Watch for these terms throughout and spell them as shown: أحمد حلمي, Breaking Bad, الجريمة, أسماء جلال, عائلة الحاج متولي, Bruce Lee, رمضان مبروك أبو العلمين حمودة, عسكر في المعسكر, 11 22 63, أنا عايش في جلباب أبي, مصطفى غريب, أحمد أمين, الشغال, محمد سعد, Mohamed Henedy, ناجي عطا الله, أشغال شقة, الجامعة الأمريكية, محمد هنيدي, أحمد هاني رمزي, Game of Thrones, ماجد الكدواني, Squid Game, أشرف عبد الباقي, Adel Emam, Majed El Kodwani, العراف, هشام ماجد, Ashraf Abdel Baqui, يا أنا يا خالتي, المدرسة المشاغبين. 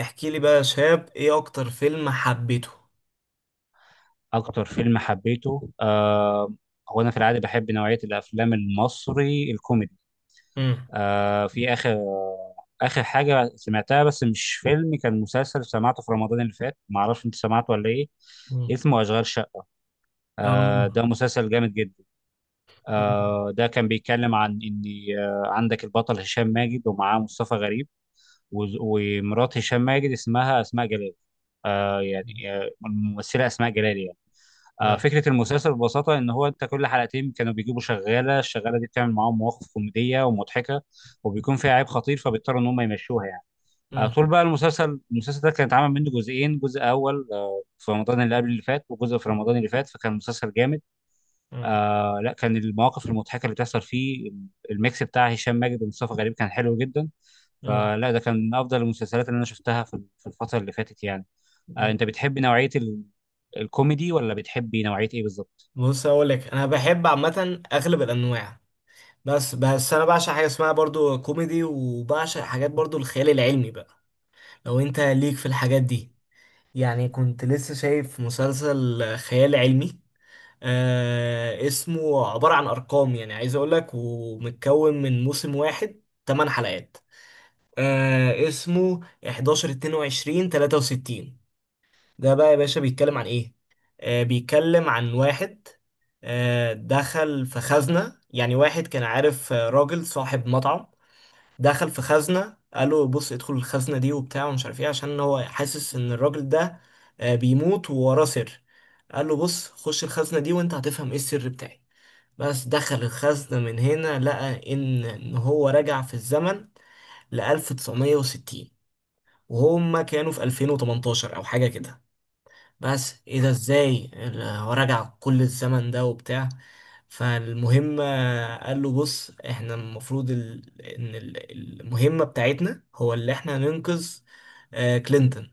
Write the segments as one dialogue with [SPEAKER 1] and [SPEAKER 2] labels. [SPEAKER 1] احكي لي بقى يا شاب، ايه اكتر فيلم حبيته؟
[SPEAKER 2] أكتر فيلم حبيته هو أنا في العادة بحب نوعية الأفلام المصري الكوميدي.
[SPEAKER 1] امم.
[SPEAKER 2] في آخر حاجة سمعتها، بس مش فيلم، كان مسلسل سمعته في رمضان اللي فات، معرفش أنت سمعته ولا إيه.
[SPEAKER 1] امم.
[SPEAKER 2] اسمه أشغال شقة.
[SPEAKER 1] اه.
[SPEAKER 2] ده مسلسل جامد جدا.
[SPEAKER 1] امم.
[SPEAKER 2] ده كان بيتكلم عن إن عندك البطل هشام ماجد ومعاه مصطفى غريب، ومرات هشام ماجد اسمها أسماء جلال. يعني الممثلة أسماء جلال يعني.
[SPEAKER 1] نعم.
[SPEAKER 2] فكرة المسلسل ببساطة إن هو أنت كل حلقتين كانوا بيجيبوا شغالة، الشغالة دي بتعمل معاهم مواقف كوميدية ومضحكة، وبيكون فيها عيب خطير فبيضطروا إن هم يمشوها يعني.
[SPEAKER 1] امم.
[SPEAKER 2] طول بقى المسلسل ده كان اتعمل منه جزئين، جزء أول في رمضان اللي قبل اللي فات، وجزء في رمضان اللي فات، فكان مسلسل جامد.
[SPEAKER 1] امم.
[SPEAKER 2] لا، كان المواقف المضحكة اللي بتحصل فيه، الميكس بتاع هشام ماجد ومصطفى غريب كان حلو جدا.
[SPEAKER 1] امم.
[SPEAKER 2] فلا ده كان من أفضل المسلسلات اللي أنا شفتها في الفترة اللي فاتت يعني.
[SPEAKER 1] امم.
[SPEAKER 2] أنت بتحب نوعية الكوميدي ولا بتحبي نوعية إيه بالظبط؟
[SPEAKER 1] بص، اقول لك انا بحب عامه اغلب الانواع، بس انا بعشق حاجه اسمها برضو كوميدي، وبعشق حاجات برضو الخيال العلمي بقى. لو انت ليك في الحاجات دي، يعني كنت لسه شايف مسلسل خيال علمي. اسمه عباره عن ارقام، يعني عايز اقول لك، ومتكون من موسم واحد، 8 حلقات. اسمه 11 22 63. ده بقى يا باشا بيتكلم عن ايه؟ بيتكلم عن واحد دخل في خزنة، يعني واحد كان عارف، راجل صاحب مطعم، دخل في خزنة. قال له بص، ادخل الخزنة دي وبتاع ومش عارف ايه، عشان هو حاسس ان الراجل ده بيموت ووراه سر. قال له بص، خش الخزنة دي وانت هتفهم ايه السر بتاعي. بس دخل الخزنة من هنا، لقى إن هو رجع في الزمن ل 1960، وهم كانوا في 2018 او حاجه كده. بس ايه ده، ازاي هو راجع كل الزمن ده وبتاع. فالمهم، قال له بص، احنا المفروض المهمه بتاعتنا هو اللي احنا ننقذ كلينتون،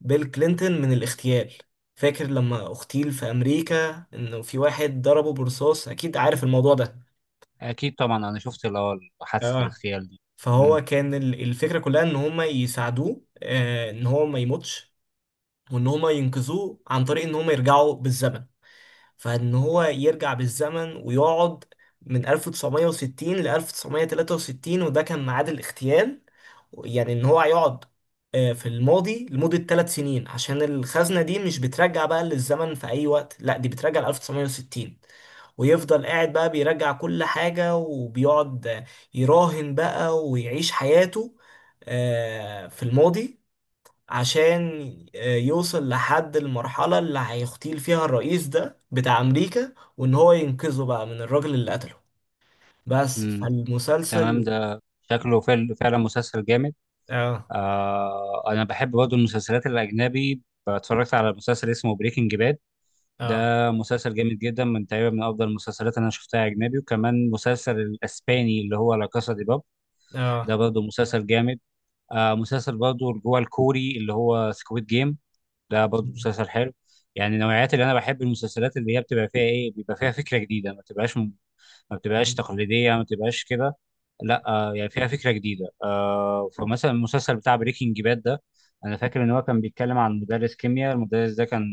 [SPEAKER 1] بيل كلينتون من الاغتيال. فاكر لما اغتيل في امريكا، انه في واحد ضربه برصاص؟ اكيد عارف الموضوع ده.
[SPEAKER 2] اكيد طبعا انا شفت اللي هو حادثه
[SPEAKER 1] اه.
[SPEAKER 2] الاغتيال دي.
[SPEAKER 1] فهو
[SPEAKER 2] امم.
[SPEAKER 1] كان، الفكرة كلها ان هما يساعدوه، ان هو ما يموتش، وان هما ينقذوه عن طريق ان هما يرجعوا بالزمن. فان هو يرجع بالزمن ويقعد من 1960 ل 1963، وده كان ميعاد الاغتيال. يعني ان هو هيقعد في الماضي لمدة 3 سنين، عشان الخزنة دي مش بترجع بقى للزمن في أي وقت، لا دي بترجع ل 1960. ويفضل قاعد بقى بيرجع كل حاجة وبيقعد، يراهن بقى ويعيش حياته في الماضي، عشان يوصل لحد المرحلة اللي هيغتيل فيها الرئيس ده بتاع أمريكا، وإن هو ينقذه بقى من الراجل اللي قتله. بس،
[SPEAKER 2] امم. تمام.
[SPEAKER 1] فالمسلسل.
[SPEAKER 2] ده شكله فعلا مسلسل جامد.
[SPEAKER 1] اه.
[SPEAKER 2] انا بحب برضه المسلسلات الاجنبي. اتفرجت على مسلسل اسمه بريكنج باد. ده
[SPEAKER 1] اه.
[SPEAKER 2] مسلسل جامد جدا، تقريبا من افضل المسلسلات اللي انا شفتها اجنبي. وكمان مسلسل الاسباني اللي هو لا كاسا دي باب، ده
[SPEAKER 1] اه.
[SPEAKER 2] برضه مسلسل جامد. مسلسل برضه جوه الكوري اللي هو سكويد جيم، ده برضه مسلسل حلو. يعني نوعيات اللي انا بحب المسلسلات اللي هي بتبقى فيها ايه، بيبقى فيها فكره جديده، ما بتبقاش
[SPEAKER 1] مم.
[SPEAKER 2] تقليديه، ما بتبقاش كده. لا يعني فيها فكره جديده. فمثلا المسلسل بتاع بريكنج باد ده، انا فاكر ان هو كان بيتكلم عن مدرس كيمياء، المدرس ده كان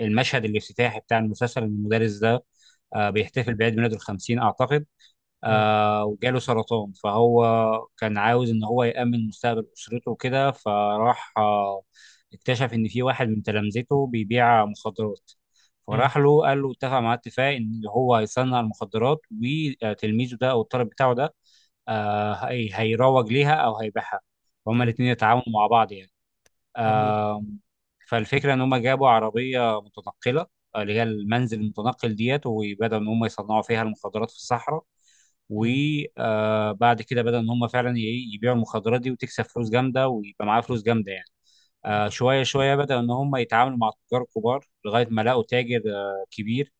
[SPEAKER 2] المشهد الافتتاحي بتاع المسلسل ان المدرس ده بيحتفل بعيد ميلاده الخمسين اعتقد.
[SPEAKER 1] مم.
[SPEAKER 2] وجاله سرطان، فهو كان عاوز ان هو يأمن مستقبل اسرته وكده، فراح اكتشف ان في واحد من تلامذته بيبيع مخدرات.
[SPEAKER 1] مم.
[SPEAKER 2] فراح له قال له، اتفق معاه اتفاق ان هو هيصنع المخدرات، وتلميذه ده او الطالب بتاعه ده هيروج ليها او هيبيعها. هما
[SPEAKER 1] تمام.
[SPEAKER 2] الاتنين يتعاونوا مع بعض يعني.
[SPEAKER 1] هقول-
[SPEAKER 2] آه فالفكره ان هما جابوا عربيه متنقله، اللي هي المنزل المتنقل ديت، وبدأوا ان هم يصنعوا فيها المخدرات في الصحراء.
[SPEAKER 1] مم.
[SPEAKER 2] وبعد كده بدأ ان هم فعلا يبيعوا المخدرات دي وتكسب فلوس جامده، ويبقى معاها فلوس جامده يعني. شويه شويه بدأ ان هم يتعاملوا مع التجار الكبار، لغايه ما لقوا تاجر كبير،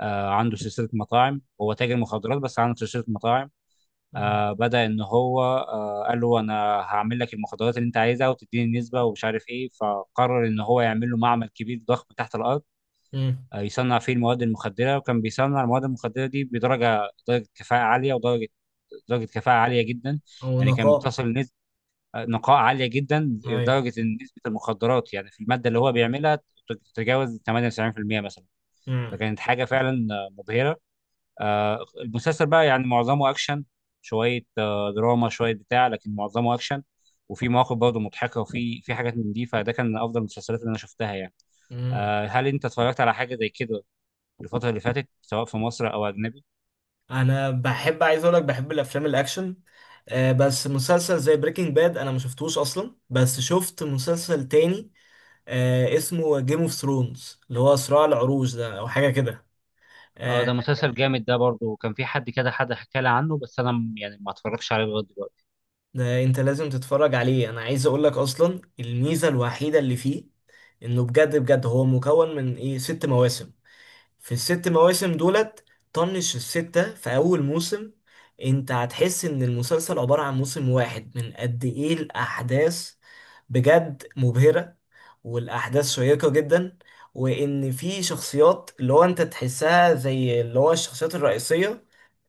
[SPEAKER 2] عنده سلسله مطاعم، هو تاجر مخدرات بس عنده سلسله مطاعم.
[SPEAKER 1] مم.
[SPEAKER 2] بدأ ان هو قال له، انا هعمل لك المخدرات اللي انت عايزها وتديني النسبه ومش عارف ايه. فقرر ان هو يعمل له معمل كبير ضخم تحت الارض،
[SPEAKER 1] مم.
[SPEAKER 2] يصنع فيه المواد المخدره. وكان بيصنع المواد المخدره دي بدرجه كفاءه عاليه، ودرجه درجه كفاءه عاليه جدا.
[SPEAKER 1] هو
[SPEAKER 2] يعني كان
[SPEAKER 1] نقاء.
[SPEAKER 2] بتصل نسبه نقاء عاليه جدا،
[SPEAKER 1] ايوه.
[SPEAKER 2] لدرجه ان نسبه المخدرات يعني في الماده اللي هو بيعملها تتجاوز 98% مثلا.
[SPEAKER 1] مم.
[SPEAKER 2] فكانت حاجه فعلا مبهره. المسلسل بقى يعني معظمه اكشن، شويه دراما، شويه بتاع، لكن معظمه اكشن. وفي مواقف برضه مضحكه، وفي حاجات من دي. فده كان من افضل المسلسلات اللي انا شفتها يعني.
[SPEAKER 1] مم.
[SPEAKER 2] هل انت اتفرجت على حاجه زي كده الفترة اللي فاتت، سواء في مصر أو أجنبي؟
[SPEAKER 1] أنا بحب، عايز أقولك بحب الأفلام الأكشن. بس مسلسل زي بريكنج باد أنا ما شفتوش أصلا، بس شفت مسلسل تاني اسمه جيم اوف ثرونز، اللي هو صراع العروش ده او حاجه كده.
[SPEAKER 2] اه
[SPEAKER 1] آه.
[SPEAKER 2] ده مسلسل جامد، ده برضه كان في حد كده حد حكى لي عنه، بس انا يعني ما اتفرجش عليه لغايه دلوقتي.
[SPEAKER 1] ده انت لازم تتفرج عليه. انا عايز اقول لك، اصلا الميزه الوحيده اللي فيه انه بجد بجد هو مكون من ايه 6 مواسم. في الست مواسم دولت، طنش الستة في أول موسم، أنت هتحس إن المسلسل عبارة عن موسم واحد من قد إيه الأحداث. بجد مبهرة. والأحداث شيقة جدا. وإن في شخصيات، اللي هو أنت تحسها زي اللي هو الشخصيات الرئيسية،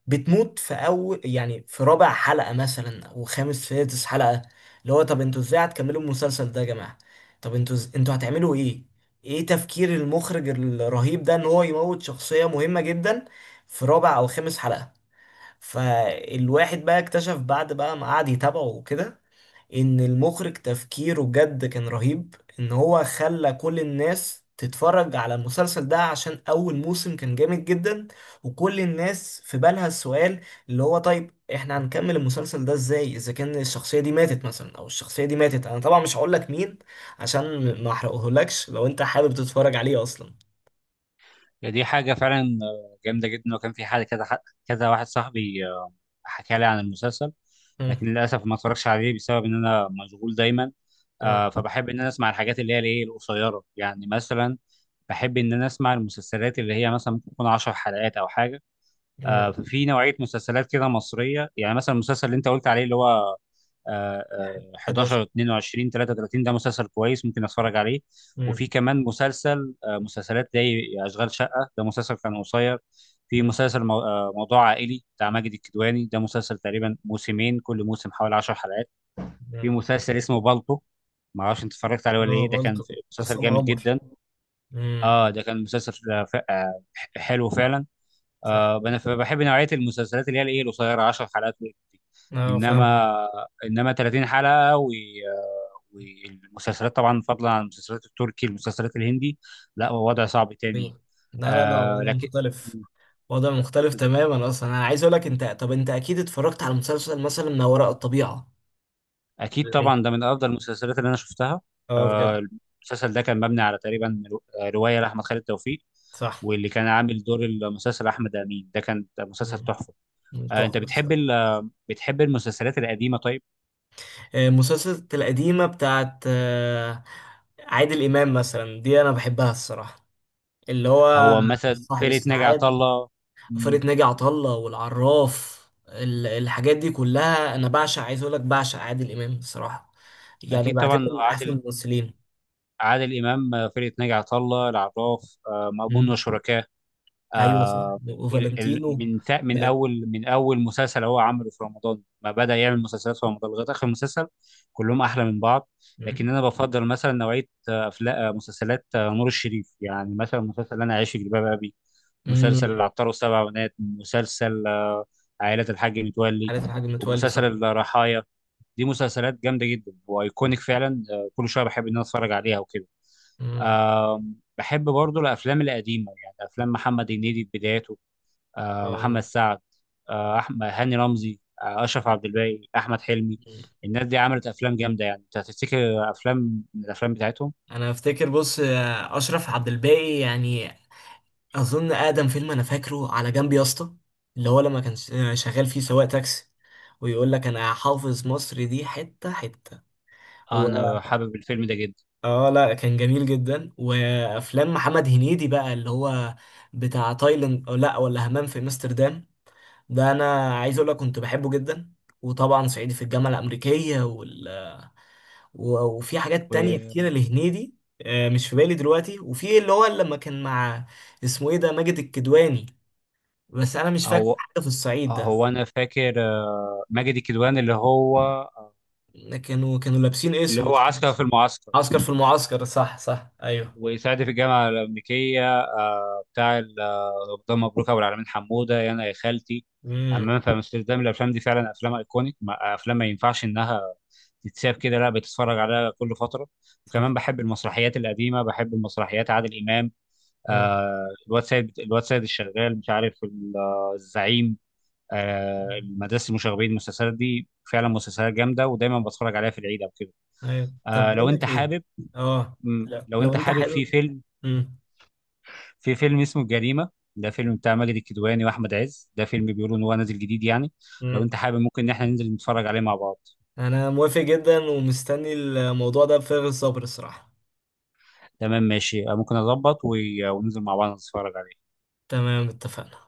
[SPEAKER 1] بتموت في اول، يعني في رابع حلقة مثلا او خامس سادس حلقة. اللي هو طب انتوا ازاي هتكملوا المسلسل ده يا جماعة؟ طب انتوا انتوا هتعملوا ايه؟ ايه تفكير المخرج الرهيب ده ان هو يموت شخصية مهمة جدا في رابع او خامس حلقة؟ فالواحد بقى اكتشف بعد بقى ما قعد يتابعه وكده، ان المخرج تفكيره بجد كان رهيب. ان هو خلى كل الناس تتفرج على المسلسل ده عشان اول موسم كان جامد جدا، وكل الناس في بالها السؤال، اللي هو طيب احنا هنكمل المسلسل ده ازاي اذا كان الشخصية دي ماتت مثلا، او الشخصية دي ماتت. انا طبعا مش هقول لك مين عشان ما احرقهولكش، لو انت حابب تتفرج عليه اصلا.
[SPEAKER 2] يعني دي حاجة فعلا جامدة جدا. وكان في حد كذا كذا واحد صاحبي حكى لي عن المسلسل، لكن
[SPEAKER 1] مم.
[SPEAKER 2] للأسف ما اتفرجش عليه بسبب إن أنا مشغول دايما.
[SPEAKER 1] تمام.
[SPEAKER 2] فبحب إن أنا أسمع الحاجات اللي هي الإيه القصيرة، يعني مثلا بحب إن أنا أسمع المسلسلات اللي هي مثلا ممكن تكون 10 حلقات أو حاجة.
[SPEAKER 1] مم.
[SPEAKER 2] في نوعية مسلسلات كده مصرية، يعني مثلا المسلسل اللي أنت قلت عليه اللي هو
[SPEAKER 1] 11.
[SPEAKER 2] 11 22 33، ده مسلسل كويس، ممكن اتفرج عليه.
[SPEAKER 1] مم.
[SPEAKER 2] وفي كمان مسلسل مسلسلات زي اشغال شقه، ده مسلسل كان قصير. في
[SPEAKER 1] مم.
[SPEAKER 2] مسلسل موضوع عائلي بتاع ماجد الكدواني، ده مسلسل تقريبا موسمين، كل موسم حوالي 10 حلقات. في
[SPEAKER 1] مم.
[SPEAKER 2] مسلسل اسمه بالطو، ما اعرفش انت اتفرجت عليه ولا
[SPEAKER 1] اه،
[SPEAKER 2] ايه، ده كان
[SPEAKER 1] بلطو.
[SPEAKER 2] مسلسل
[SPEAKER 1] عصام
[SPEAKER 2] جامد
[SPEAKER 1] عمر.
[SPEAKER 2] جدا.
[SPEAKER 1] امم.
[SPEAKER 2] اه ده كان مسلسل حلو فعلا.
[SPEAKER 1] صح.
[SPEAKER 2] انا فبحب نوعيه المسلسلات اللي هي الايه القصيره 10 حلقات دي.
[SPEAKER 1] اه، فاهمك.
[SPEAKER 2] انما 30 حلقه و والمسلسلات طبعا، فضلا عن المسلسلات التركي المسلسلات الهندي، لا هو وضع صعب تاني.
[SPEAKER 1] مين؟ لا لا لا، وضع
[SPEAKER 2] لكن
[SPEAKER 1] مختلف. وضع مختلف تماما. اصلا انا عايز اقول لك، انت طب انت اكيد اتفرجت على مسلسل مثلا ما وراء الطبيعة
[SPEAKER 2] اكيد
[SPEAKER 1] ولا
[SPEAKER 2] طبعا
[SPEAKER 1] ايه؟
[SPEAKER 2] ده من افضل المسلسلات اللي انا شفتها.
[SPEAKER 1] اه، بجد.
[SPEAKER 2] آه المسلسل ده كان مبني على تقريبا روايه لاحمد خالد توفيق.
[SPEAKER 1] صح.
[SPEAKER 2] واللي كان عامل دور المسلسل احمد امين، ده كان مسلسل
[SPEAKER 1] مم.
[SPEAKER 2] تحفه. انت
[SPEAKER 1] تحفة الصراحة.
[SPEAKER 2] بتحب المسلسلات القديمه طيب؟
[SPEAKER 1] مسلسلات القديمة بتاعت عادل إمام مثلا دي أنا بحبها الصراحة. اللي هو
[SPEAKER 2] هو مثلا
[SPEAKER 1] صاحب
[SPEAKER 2] فرقة ناجي عطا
[SPEAKER 1] السعادة،
[SPEAKER 2] الله. مم.
[SPEAKER 1] فرقة ناجي عطا الله، والعراف، الحاجات دي كلها أنا بعشق. عايز أقول لك بعشق عادل إمام الصراحة. يعني
[SPEAKER 2] أكيد
[SPEAKER 1] بعتبر
[SPEAKER 2] طبعا،
[SPEAKER 1] من أحسن الممثلين.
[SPEAKER 2] عادل إمام، فرقة ناجي عطا الله، العراف، مأمون وشركاه،
[SPEAKER 1] ايوه،
[SPEAKER 2] آه،
[SPEAKER 1] وفالنتينو.
[SPEAKER 2] من
[SPEAKER 1] فلن-
[SPEAKER 2] أول من أول مسلسل هو عمله في رمضان، ما بدأ يعمل مسلسلات في رمضان لغاية آخر مسلسل، كلهم أحلى من بعض.
[SPEAKER 1] مم.
[SPEAKER 2] لكن أنا بفضل مثلا نوعية أفلام مسلسلات نور الشريف، يعني مثلا مسلسل أنا عايش في جلباب أبي، مسلسل
[SPEAKER 1] مم.
[SPEAKER 2] العطار والسبع بنات، مسلسل عائلة الحاج متولي،
[SPEAKER 1] حالة الحاج متولي،
[SPEAKER 2] ومسلسل
[SPEAKER 1] صح.
[SPEAKER 2] الرحايا. دي مسلسلات جامده جدا وايكونيك فعلا. كل شويه بحب ان انا اتفرج عليها وكده.
[SPEAKER 1] مم.
[SPEAKER 2] بحب برضو الافلام القديمه، يعني افلام محمد هنيدي في بداياته، محمد
[SPEAKER 1] اه.
[SPEAKER 2] سعد، احمد هاني رمزي، اشرف عبد الباقي، احمد حلمي.
[SPEAKER 1] مم.
[SPEAKER 2] الناس دي عملت افلام جامده، يعني انت هتفتكر افلام من الافلام بتاعتهم.
[SPEAKER 1] انا افتكر، بص، اشرف عبد الباقي يعني، اظن اقدم فيلم انا فاكره، على جنب يا اسطى، اللي هو لما كان شغال فيه سواق تاكسي، ويقول لك انا حافظ مصر دي حته حته، و...
[SPEAKER 2] انا حابب الفيلم ده جدا.
[SPEAKER 1] اه لا، كان جميل جدا. وافلام محمد هنيدي بقى، اللي هو بتاع تايلاند، أو لا ولا همام في امستردام، ده انا عايز اقول لك كنت بحبه جدا. وطبعا صعيدي في الجامعه الامريكيه، وفي حاجات تانية كتيره لهنيدي، مش في بالي دلوقتي. وفي اللي هو لما كان مع، اسمه ايه ده، ماجد الكدواني. بس انا مش فاكر
[SPEAKER 2] وهو
[SPEAKER 1] حاجه في الصعيد ده.
[SPEAKER 2] هو انا فاكر ماجد الكدواني اللي هو
[SPEAKER 1] كانوا لابسين اسود كده.
[SPEAKER 2] عسكر في المعسكر،
[SPEAKER 1] عسكر في المعسكر، صح صح، ايوه.
[SPEAKER 2] ويساعد في الجامعة الأمريكية، بتاع رمضان مبروك، أبو العلمين حمودة، يا أنا يا خالتي،
[SPEAKER 1] امم.
[SPEAKER 2] أمام في أمستردام. الأفلام دي فعلا أفلام أيكونيك، أفلام ما ينفعش إنها تتساب كده، لا بتتفرج عليها كل فترة.
[SPEAKER 1] صح.
[SPEAKER 2] وكمان بحب المسرحيات القديمة، بحب المسرحيات عادل إمام،
[SPEAKER 1] امم.
[SPEAKER 2] الواد سيد الشغال مش عارف الزعيم المدرسة المشاغبين. المسلسلات دي فعلا مسلسلات جامدة، ودايما بتفرج عليها في العيد أو كده.
[SPEAKER 1] ايوه. طب
[SPEAKER 2] لو
[SPEAKER 1] بقول
[SPEAKER 2] أنت
[SPEAKER 1] لك ايه.
[SPEAKER 2] حابب،
[SPEAKER 1] اه. لا،
[SPEAKER 2] لو
[SPEAKER 1] لو
[SPEAKER 2] أنت
[SPEAKER 1] انت
[SPEAKER 2] حابب في
[SPEAKER 1] حابب.
[SPEAKER 2] فيلم،
[SPEAKER 1] امم.
[SPEAKER 2] اسمه الجريمة، ده فيلم بتاع ماجد الكدواني واحمد عز، ده فيلم بيقولوا ان هو نازل جديد يعني، لو
[SPEAKER 1] امم.
[SPEAKER 2] انت حابب ممكن ان احنا ننزل نتفرج عليه مع بعض.
[SPEAKER 1] انا موافق جدا، ومستني الموضوع ده بفارغ الصبر الصراحه.
[SPEAKER 2] تمام ماشي، ممكن اظبط وننزل مع بعض نتفرج عليه.
[SPEAKER 1] تمام اتفقنا.